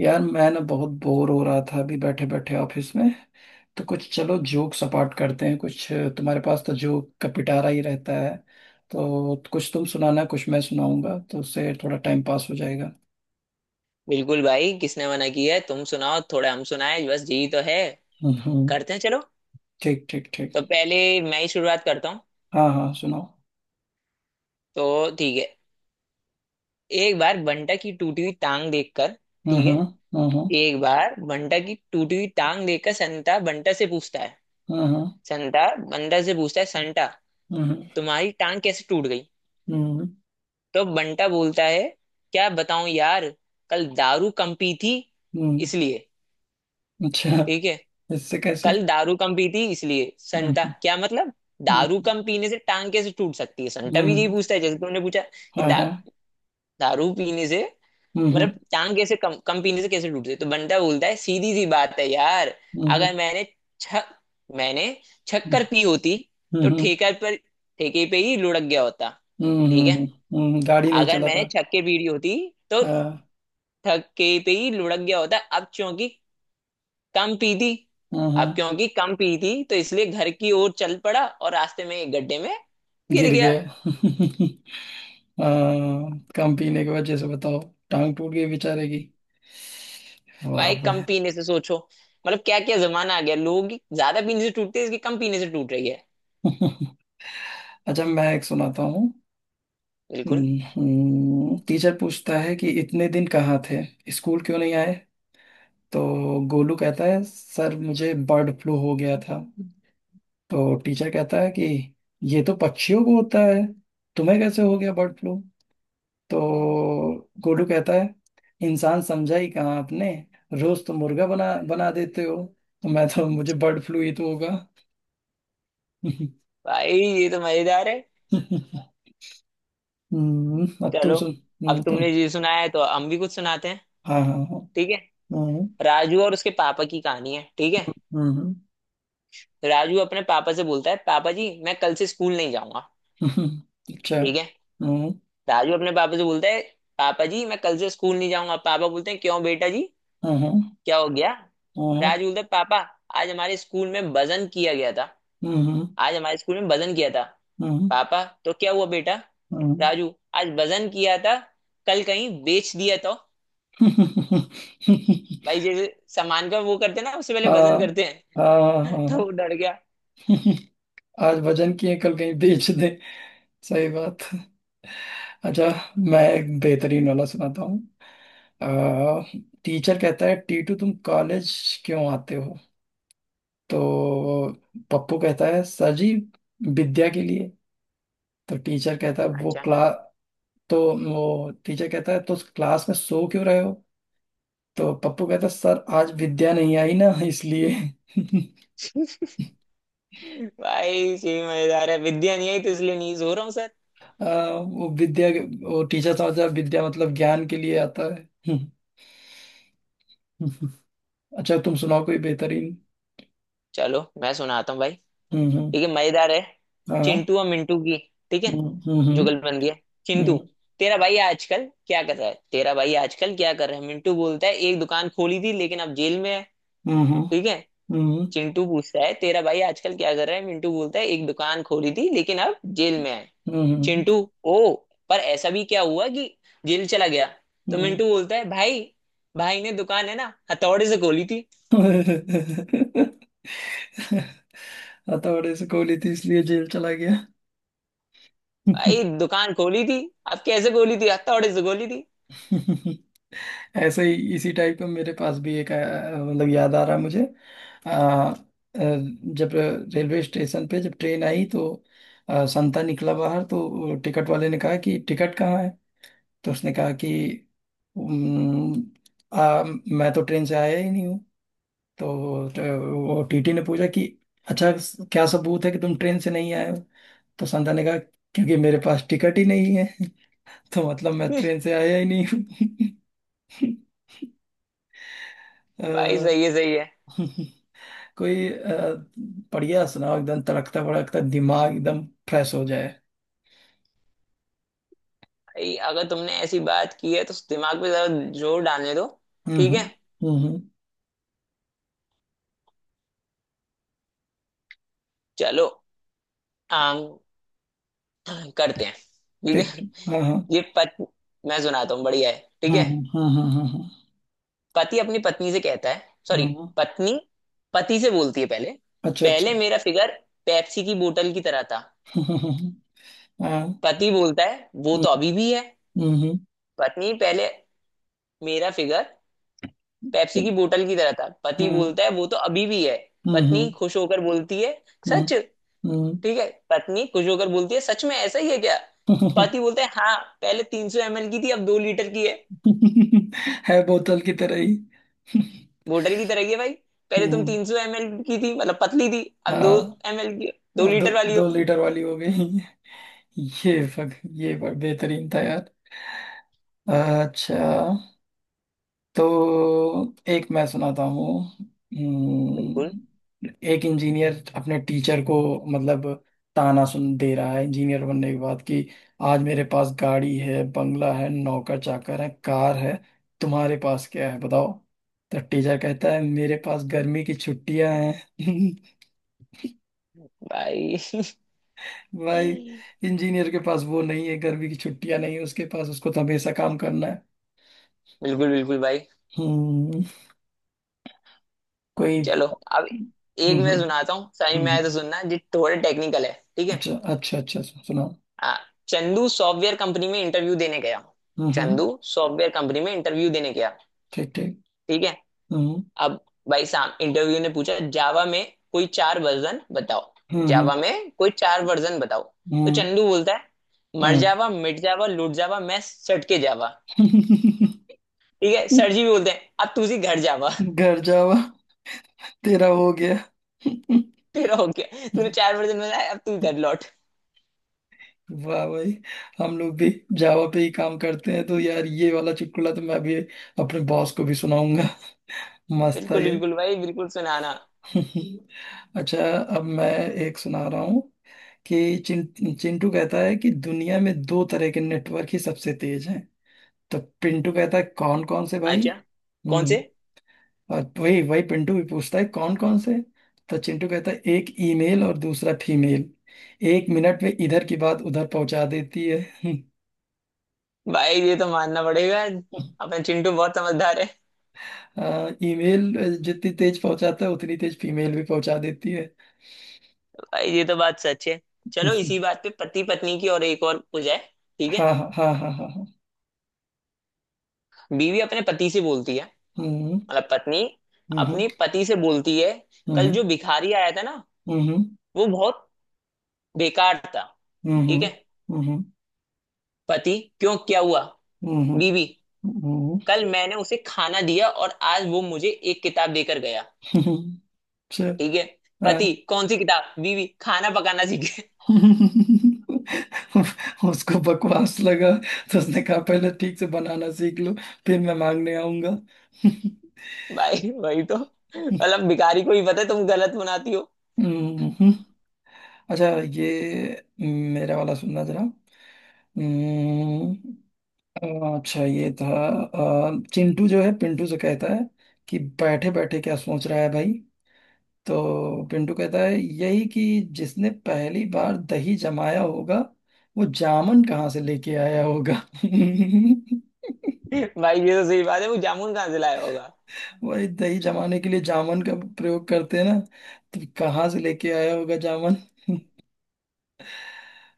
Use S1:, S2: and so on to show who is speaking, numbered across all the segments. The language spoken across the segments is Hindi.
S1: यार, मैं ना बहुत बोर हो रहा था अभी बैठे बैठे ऑफिस में। तो कुछ, चलो जोक सपाट करते हैं कुछ। तुम्हारे पास तो जोक का पिटारा ही रहता है। तो कुछ तुम सुनाना, कुछ मैं सुनाऊंगा, तो उससे थोड़ा टाइम पास हो जाएगा।
S2: बिल्कुल भाई, किसने मना किया है? तुम सुनाओ, थोड़ा हम सुनाए। बस जी, तो है।
S1: हम्म, हम्म।
S2: करते हैं, चलो।
S1: ठीक, ठीक, ठीक।
S2: तो पहले मैं ही शुरुआत करता हूँ।
S1: हाँ, हाँ, सुनाओ।
S2: तो ठीक है। एक बार बंटा की टूटी हुई टांग देखकर।
S1: हम्म।
S2: ठीक है।
S1: हम्म। हम्म।
S2: एक बार बंटा की टूटी हुई टांग देखकर संता बंटा से पूछता है,
S1: हम्म।
S2: संता बंटा से पूछता है, संता, तुम्हारी टांग कैसे टूट गई?
S1: हम्म। हम्म।
S2: तो बंटा बोलता है, क्या बताऊं यार, कल दारू कम पी थी
S1: हम्म।
S2: इसलिए।
S1: अच्छा।
S2: ठीक है।
S1: इससे कैसे?
S2: कल दारू कम पी थी इसलिए। संटा,
S1: हम्म।
S2: क्या मतलब? दारू
S1: हम्म।
S2: कम पीने से टांग कैसे टूट सकती है? संटा भी यही
S1: हम्म।
S2: पूछता है जैसे तुमने पूछा, कि
S1: हाँ, हाँ।
S2: दारू पीने से
S1: हम्म। हम्म।
S2: मतलब टांग कैसे, कम कम पीने से कैसे टूट सकती है? तो बंटा बोलता है, सीधी सी बात है यार।
S1: हम्म।
S2: अगर मैंने छ मैंने शक्कर पी होती तो
S1: हम्म।
S2: ठेकर पर, ठेके पे ही लुढ़क गया होता।
S1: हम्म।
S2: ठीक है।
S1: हम्म। हम्म। गाड़ी नहीं
S2: अगर
S1: चला था।
S2: मैंने छक्के पीड़ी होती तो
S1: हाँ।
S2: ठक्के पे ही लुढ़क गया होता। अब चूंकि कम पी थी,
S1: हम्म।
S2: अब क्योंकि कम पी थी तो इसलिए घर की ओर चल पड़ा और रास्ते में एक गड्ढे में गिर
S1: गिर
S2: गया।
S1: गए। हाँ, कम पीने की वजह से बताओ। टांग टूट गई बेचारे की। वाह
S2: भाई, कम
S1: बे।
S2: पीने से सोचो, मतलब क्या क्या जमाना आ गया। लोगों की ज्यादा पीने से टूटती है, इसकी कम पीने से टूट रही है।
S1: अच्छा, मैं एक सुनाता हूँ।
S2: बिल्कुल।
S1: टीचर पूछता है कि इतने दिन कहाँ थे? स्कूल क्यों नहीं आए? तो गोलू कहता है सर मुझे बर्ड फ्लू हो गया था। तो टीचर कहता है कि ये तो पक्षियों को होता है, तुम्हें कैसे हो गया बर्ड फ्लू? तो गोलू कहता है इंसान समझा ही कहाँ आपने, रोज तो मुर्गा बना बना देते हो, तो मैं तो मुझे बर्ड फ्लू ही तो होगा।
S2: भाई ये तो मजेदार है।
S1: अब तुम
S2: चलो,
S1: सुन।
S2: अब
S1: तुम।
S2: तुमने ये सुनाया है तो हम भी कुछ सुनाते हैं।
S1: हाँ, हाँ, हाँ।
S2: ठीक है।
S1: हम्म,
S2: राजू और उसके पापा की कहानी है। ठीक है।
S1: हम्म।
S2: राजू अपने पापा से बोलता है, पापा जी मैं कल से स्कूल नहीं जाऊंगा।
S1: अच्छा।
S2: ठीक है।
S1: हम्म।
S2: राजू अपने पापा से बोलता है, पापा जी मैं कल से स्कूल नहीं जाऊंगा। पापा बोलते हैं, क्यों बेटा जी,
S1: हाँ, हाँ।
S2: क्या हो गया?
S1: हाँ।
S2: राजू बोलते, पापा आज हमारे स्कूल में वजन किया गया था।
S1: हम्म।
S2: आज हमारे स्कूल में वजन किया था।
S1: हम्म।
S2: पापा, तो क्या हुआ बेटा?
S1: हम्म।
S2: राजू, आज वजन किया था, कल कहीं बेच दिया तो? भाई जैसे सामान का वो करते हैं ना, उससे पहले
S1: हाँ,
S2: वजन करते
S1: हाँ,
S2: हैं।
S1: हाँ,
S2: तो वो
S1: हाँ।
S2: डर गया।
S1: आज वजन किए कल कहीं बेच दे। सही बात। अच्छा। मैं एक बेहतरीन वाला सुनाता हूँ। अ, टीचर कहता है टीटू तुम कॉलेज क्यों आते हो? तो पप्पू कहता है सर जी विद्या के लिए। तो टीचर कहता है वो
S2: अच्छा।
S1: क्लास तो वो टीचर कहता है तो उस क्लास में सो क्यों रहे हो? तो पप्पू कहता है सर आज विद्या नहीं आई ना, इसलिए।
S2: भाई, सही मजेदार है। विद्या नहीं आई तो इसलिए नहीं सो रहा हूँ सर।
S1: अ, वो विद्या वो टीचर समझता है विद्या मतलब ज्ञान के लिए आता है। अच्छा, तुम सुनाओ कोई बेहतरीन।
S2: चलो मैं सुनाता हूँ भाई।
S1: हम्म। हम्म।
S2: ठीक है, मजेदार है।
S1: हाँ।
S2: चिंटू और मिंटू की। ठीक है।
S1: हम्म। हम्म।
S2: जुगल
S1: हम्म।
S2: बन गया। चिंटू,
S1: Uhum.
S2: तेरा भाई आजकल क्या कर रहा है? तेरा भाई आजकल क्या कर रहा है? मिंटू बोलता है, एक दुकान खोली थी लेकिन अब जेल में है।
S1: Uhum.
S2: ठीक है।
S1: Uhum.
S2: चिंटू पूछता है, तेरा भाई आजकल क्या कर रहा है? मिंटू बोलता है, एक दुकान खोली थी लेकिन अब जेल में है।
S1: Uhum.
S2: चिंटू, ओ, पर ऐसा भी क्या हुआ कि जेल चला गया? तो
S1: Uhum.
S2: मिंटू बोलता है, भाई, भाई ने दुकान है ना हथौड़े से खोली थी।
S1: हथौड़े से गोली थी इसलिए जेल चला गया।
S2: भाई, दुकान खोली थी, अब कैसे खोली थी? हथौड़े से खोली थी।
S1: ऐसे ही इसी टाइप का मेरे पास भी एक मतलब याद आ रहा है मुझे। अ, अ, जब रेलवे स्टेशन पे जब ट्रेन आई तो संता निकला बाहर, तो टिकट वाले ने कहा कि टिकट कहाँ है? तो उसने कहा कि "उम्म, आ, मैं तो ट्रेन से आया ही नहीं। तो वो टीटी ने पूछा कि अच्छा, क्या सबूत है कि तुम ट्रेन से नहीं आए हो? तो संध्या ने कहा क्योंकि मेरे पास टिकट ही नहीं है। तो मतलब मैं ट्रेन से आया ही नहीं हूँ। अ,
S2: भाई, सही है सही है।
S1: कोई बढ़िया सुनाओ, एकदम तड़कता भड़कता दिमाग एकदम फ्रेश हो जाए।
S2: भाई अगर तुमने ऐसी बात की है तो दिमाग पे जरा जोर डालने दो।
S1: हम्म,
S2: ठीक है।
S1: हम्म, हम्म।
S2: चलो, आम करते हैं। ठीक
S1: ठीक,
S2: है।
S1: ठीक। हाँ, हाँ।
S2: ये पत मैं सुनाता हूँ, बढ़िया है। ठीक
S1: हाँ,
S2: है।
S1: हाँ। हाँ हाँ
S2: पति अपनी पत्नी से कहता है, सॉरी,
S1: हाँ हाँ,
S2: पत्नी पति से बोलती है, पहले,
S1: अच्छा, अच्छा।
S2: पहले मेरा फिगर पेप्सी की बोतल की तरह था।
S1: हाँ, हाँ, हाँ, हाँ।
S2: पति बोलता है, वो तो अभी भी है।
S1: हम्म, हम्म,
S2: पत्नी, पहले मेरा फिगर पेप्सी की बोतल की तरह था। पति
S1: हम्म,
S2: बोलता है, वो तो अभी भी है।
S1: हम्म,
S2: पत्नी
S1: हम्म,
S2: खुश होकर बोलती है,
S1: हम्म।
S2: सच?
S1: हम्म।
S2: ठीक है। पत्नी खुशबू होकर बोलती है, सच में ऐसा ही है क्या?
S1: हम्म।
S2: पति बोलते हैं, हाँ, पहले 300 एमएल की थी, अब 2 लीटर की है।
S1: है बोतल की तरह ही।
S2: वोटर की तरह ही है भाई। पहले तुम
S1: हम्म।
S2: 300 एमएल की थी, मतलब पतली थी, अब दो
S1: हाँ।
S2: एमएल की, दो
S1: अब दो
S2: लीटर वाली
S1: दो
S2: हो।
S1: लीटर वाली हो गई। ये बेहतरीन था यार। अच्छा। तो एक मैं सुनाता हूँ।
S2: बिल्कुल
S1: एक इंजीनियर अपने टीचर को मतलब ताना सुन दे रहा है इंजीनियर बनने के बाद कि आज मेरे पास गाड़ी है, बंगला है, नौकर चाकर है, कार है, तुम्हारे पास क्या है बताओ? तो टीचर कहता है मेरे पास गर्मी की छुट्टियां हैं।
S2: भाई।
S1: भाई, इंजीनियर के पास वो नहीं है, गर्मी की छुट्टियां नहीं है उसके पास, उसको तो हमेशा काम करना है।
S2: बिल्कुल बिल्कुल भाई।
S1: हम्म। कोई।
S2: चलो,
S1: हम्म,
S2: अब एक
S1: हम्म,
S2: मैं
S1: हम्म,
S2: सुनाता हूँ, समझ में आया तो सुनना जी, थोड़ा टेक्निकल है। ठीक है।
S1: अच्छा, अच्छा, अच्छा, अच्छा, सुनाओ।
S2: हाँ, चंदू सॉफ्टवेयर कंपनी में इंटरव्यू देने गया।
S1: हम्म, हम्म।
S2: चंदू सॉफ्टवेयर कंपनी में इंटरव्यू देने गया।
S1: ठीक, ठीक।
S2: ठीक है।
S1: हम्म।
S2: अब भाई साहब इंटरव्यू ने पूछा, जावा में कोई 4 वर्जन बताओ,
S1: हम्म,
S2: जावा
S1: हम्म,
S2: में कोई 4 वर्जन बताओ। तो चंदू बोलता है, मर
S1: हम्म,
S2: जावा, मिट जावा, लूट जावा, मैं सट के जावा।
S1: हम्म।
S2: ठीक है। सर जी भी बोलते हैं, अब तू सी घर जावा।
S1: घर जावा। तेरा हो गया।
S2: तेरा हो गया, तूने 4 वर्जन बताया, अब तू घर लौट।
S1: वाह भाई। हम लोग भी जावा पे ही काम करते हैं, तो यार ये वाला चुटकुला तो मैं भी अपने बॉस को भी सुनाऊंगा। मस्त था
S2: बिल्कुल
S1: ये।
S2: बिल्कुल भाई, बिल्कुल सुनाना।
S1: अच्छा। अब मैं एक सुना रहा हूँ कि चिंटू कहता है कि दुनिया में दो तरह के नेटवर्क ही सबसे तेज हैं। तो पिंटू कहता है कौन कौन से भाई?
S2: अच्छा। कौन से
S1: हम्म। और वही वही पिंटू भी पूछता है कौन कौन से? तो चिंटू कहता है एक ईमेल और दूसरा फीमेल, 1 मिनट में इधर की बात उधर पहुंचा देती है।
S2: भाई? ये तो मानना पड़ेगा, अपना चिंटू बहुत समझदार है।
S1: ईमेल जितनी तेज पहुंचाता है उतनी तेज फीमेल भी पहुंचा देती है।
S2: भाई ये तो बात सच है। चलो इसी बात पे पति पत्नी की और एक और हो जाए। ठीक
S1: हाँ,
S2: है।
S1: हाँ, हाँ, हाँ, हाँ, हाँ।
S2: बीवी अपने पति से बोलती है,
S1: हम्म।
S2: मतलब पत्नी
S1: हम्म।
S2: अपनी पति से बोलती है, कल
S1: हम्म।
S2: जो भिखारी आया था ना,
S1: हम्म। हम्म।
S2: वो बहुत बेकार था। ठीक
S1: हम्म।
S2: है।
S1: हम्म।
S2: पति, क्यों क्या हुआ?
S1: हम्म। हम्म।
S2: बीवी,
S1: हम्म।
S2: कल मैंने उसे खाना दिया और आज वो मुझे एक किताब देकर गया।
S1: हम्म। चल।
S2: ठीक है। पति, कौन सी किताब? बीवी, खाना पकाना सीखे।
S1: उसको बकवास लगा, तो उसने कहा पहले ठीक से बनाना सीख लो, फिर मैं मांगने आऊंगा।
S2: भाई वही तो, मतलब भिखारी को ही पता है तुम गलत बनाती हो।
S1: हम्म। अच्छा। ये मेरा वाला सुनना जरा। हम्म। अच्छा, ये था चिंटू जो है पिंटू से कहता है कि बैठे बैठे क्या सोच रहा है भाई? तो पिंटू कहता है यही कि जिसने पहली बार दही जमाया होगा वो जामन कहाँ से लेके आया होगा।
S2: भाई ये तो सही बात है, वो जामुन कहाँ से लाया होगा।
S1: वही दही जमाने के लिए जामन का प्रयोग करते हैं ना, तो कहाँ से लेके आया होगा जामन?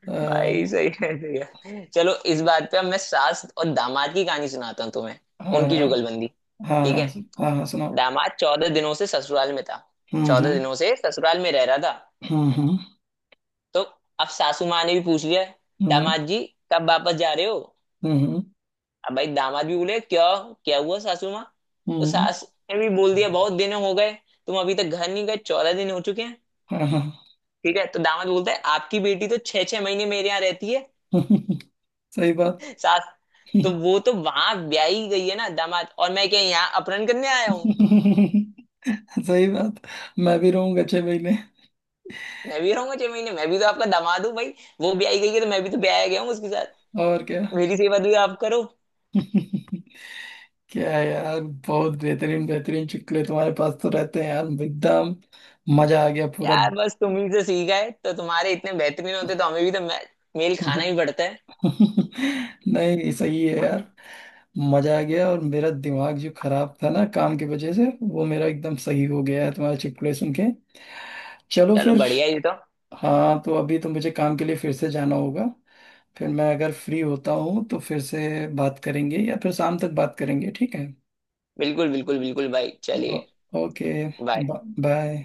S1: अ,
S2: भाई सही है, सही है। चलो इस बात पे अब मैं सास और दामाद की कहानी सुनाता हूँ तुम्हें,
S1: हाँ,
S2: उनकी जुगलबंदी।
S1: हाँ।
S2: ठीक
S1: हाँ,
S2: है।
S1: हाँ, हाँ, सुनाओ।
S2: दामाद 14 दिनों से ससुराल में था।
S1: हम्म,
S2: चौदह
S1: हम्म।
S2: दिनों से ससुराल में रह रहा था।
S1: हम्म,
S2: तो अब सासू माँ ने भी पूछ लिया,
S1: हम्म,
S2: दामाद जी कब वापस जा रहे हो?
S1: हम्म, हम्म।
S2: अब भाई दामाद भी बोले, क्यों क्या हुआ सासू माँ? तो
S1: हम्म।
S2: सास ने भी बोल दिया, बहुत दिन हो गए, तुम अभी तक घर नहीं गए, 14 दिन हो चुके हैं।
S1: हाँ, हाँ।
S2: ठीक है। तो दामाद बोलता है, आपकी बेटी तो छह छह महीने मेरे यहाँ रहती है।
S1: सही बात।
S2: सास, तो वो तो वहां ब्याही गई है ना दामाद, और मैं क्या यहाँ अपहरण करने आया हूँ?
S1: सही बात। मैं भी रहूंगा 6 महीने।
S2: मैं भी रहूंगा 6 महीने, मैं भी तो आपका दामाद हूँ भाई, वो ब्याही गई है तो मैं भी तो ब्याया गया हूँ उसके साथ।
S1: और क्या।
S2: मेरी सेवा भी आप करो।
S1: क्या यार। बहुत बेहतरीन बेहतरीन चुटकुले तुम्हारे पास तो रहते हैं यार, एकदम मजा आ गया पूरा।
S2: यार, बस तुम ही से सीखा है तो, तुम्हारे इतने बेहतरीन होते तो हमें भी तो मेल खाना ही पड़ता है।
S1: नहीं, सही है यार। मजा आ गया, और मेरा दिमाग जो खराब था ना काम की वजह से, वो मेरा एकदम सही हो गया है तुम्हारे चुटकुले सुन के। चलो
S2: चलो
S1: फिर।
S2: बढ़िया ही तो।
S1: हाँ, तो अभी तो मुझे काम के लिए फिर से जाना होगा, फिर मैं अगर फ्री होता हूँ तो फिर से बात करेंगे या फिर शाम तक बात करेंगे, ठीक है।
S2: बिल्कुल बिल्कुल बिल्कुल भाई,
S1: ओ,
S2: चलिए।
S1: ओके।
S2: बाय।
S1: बाय।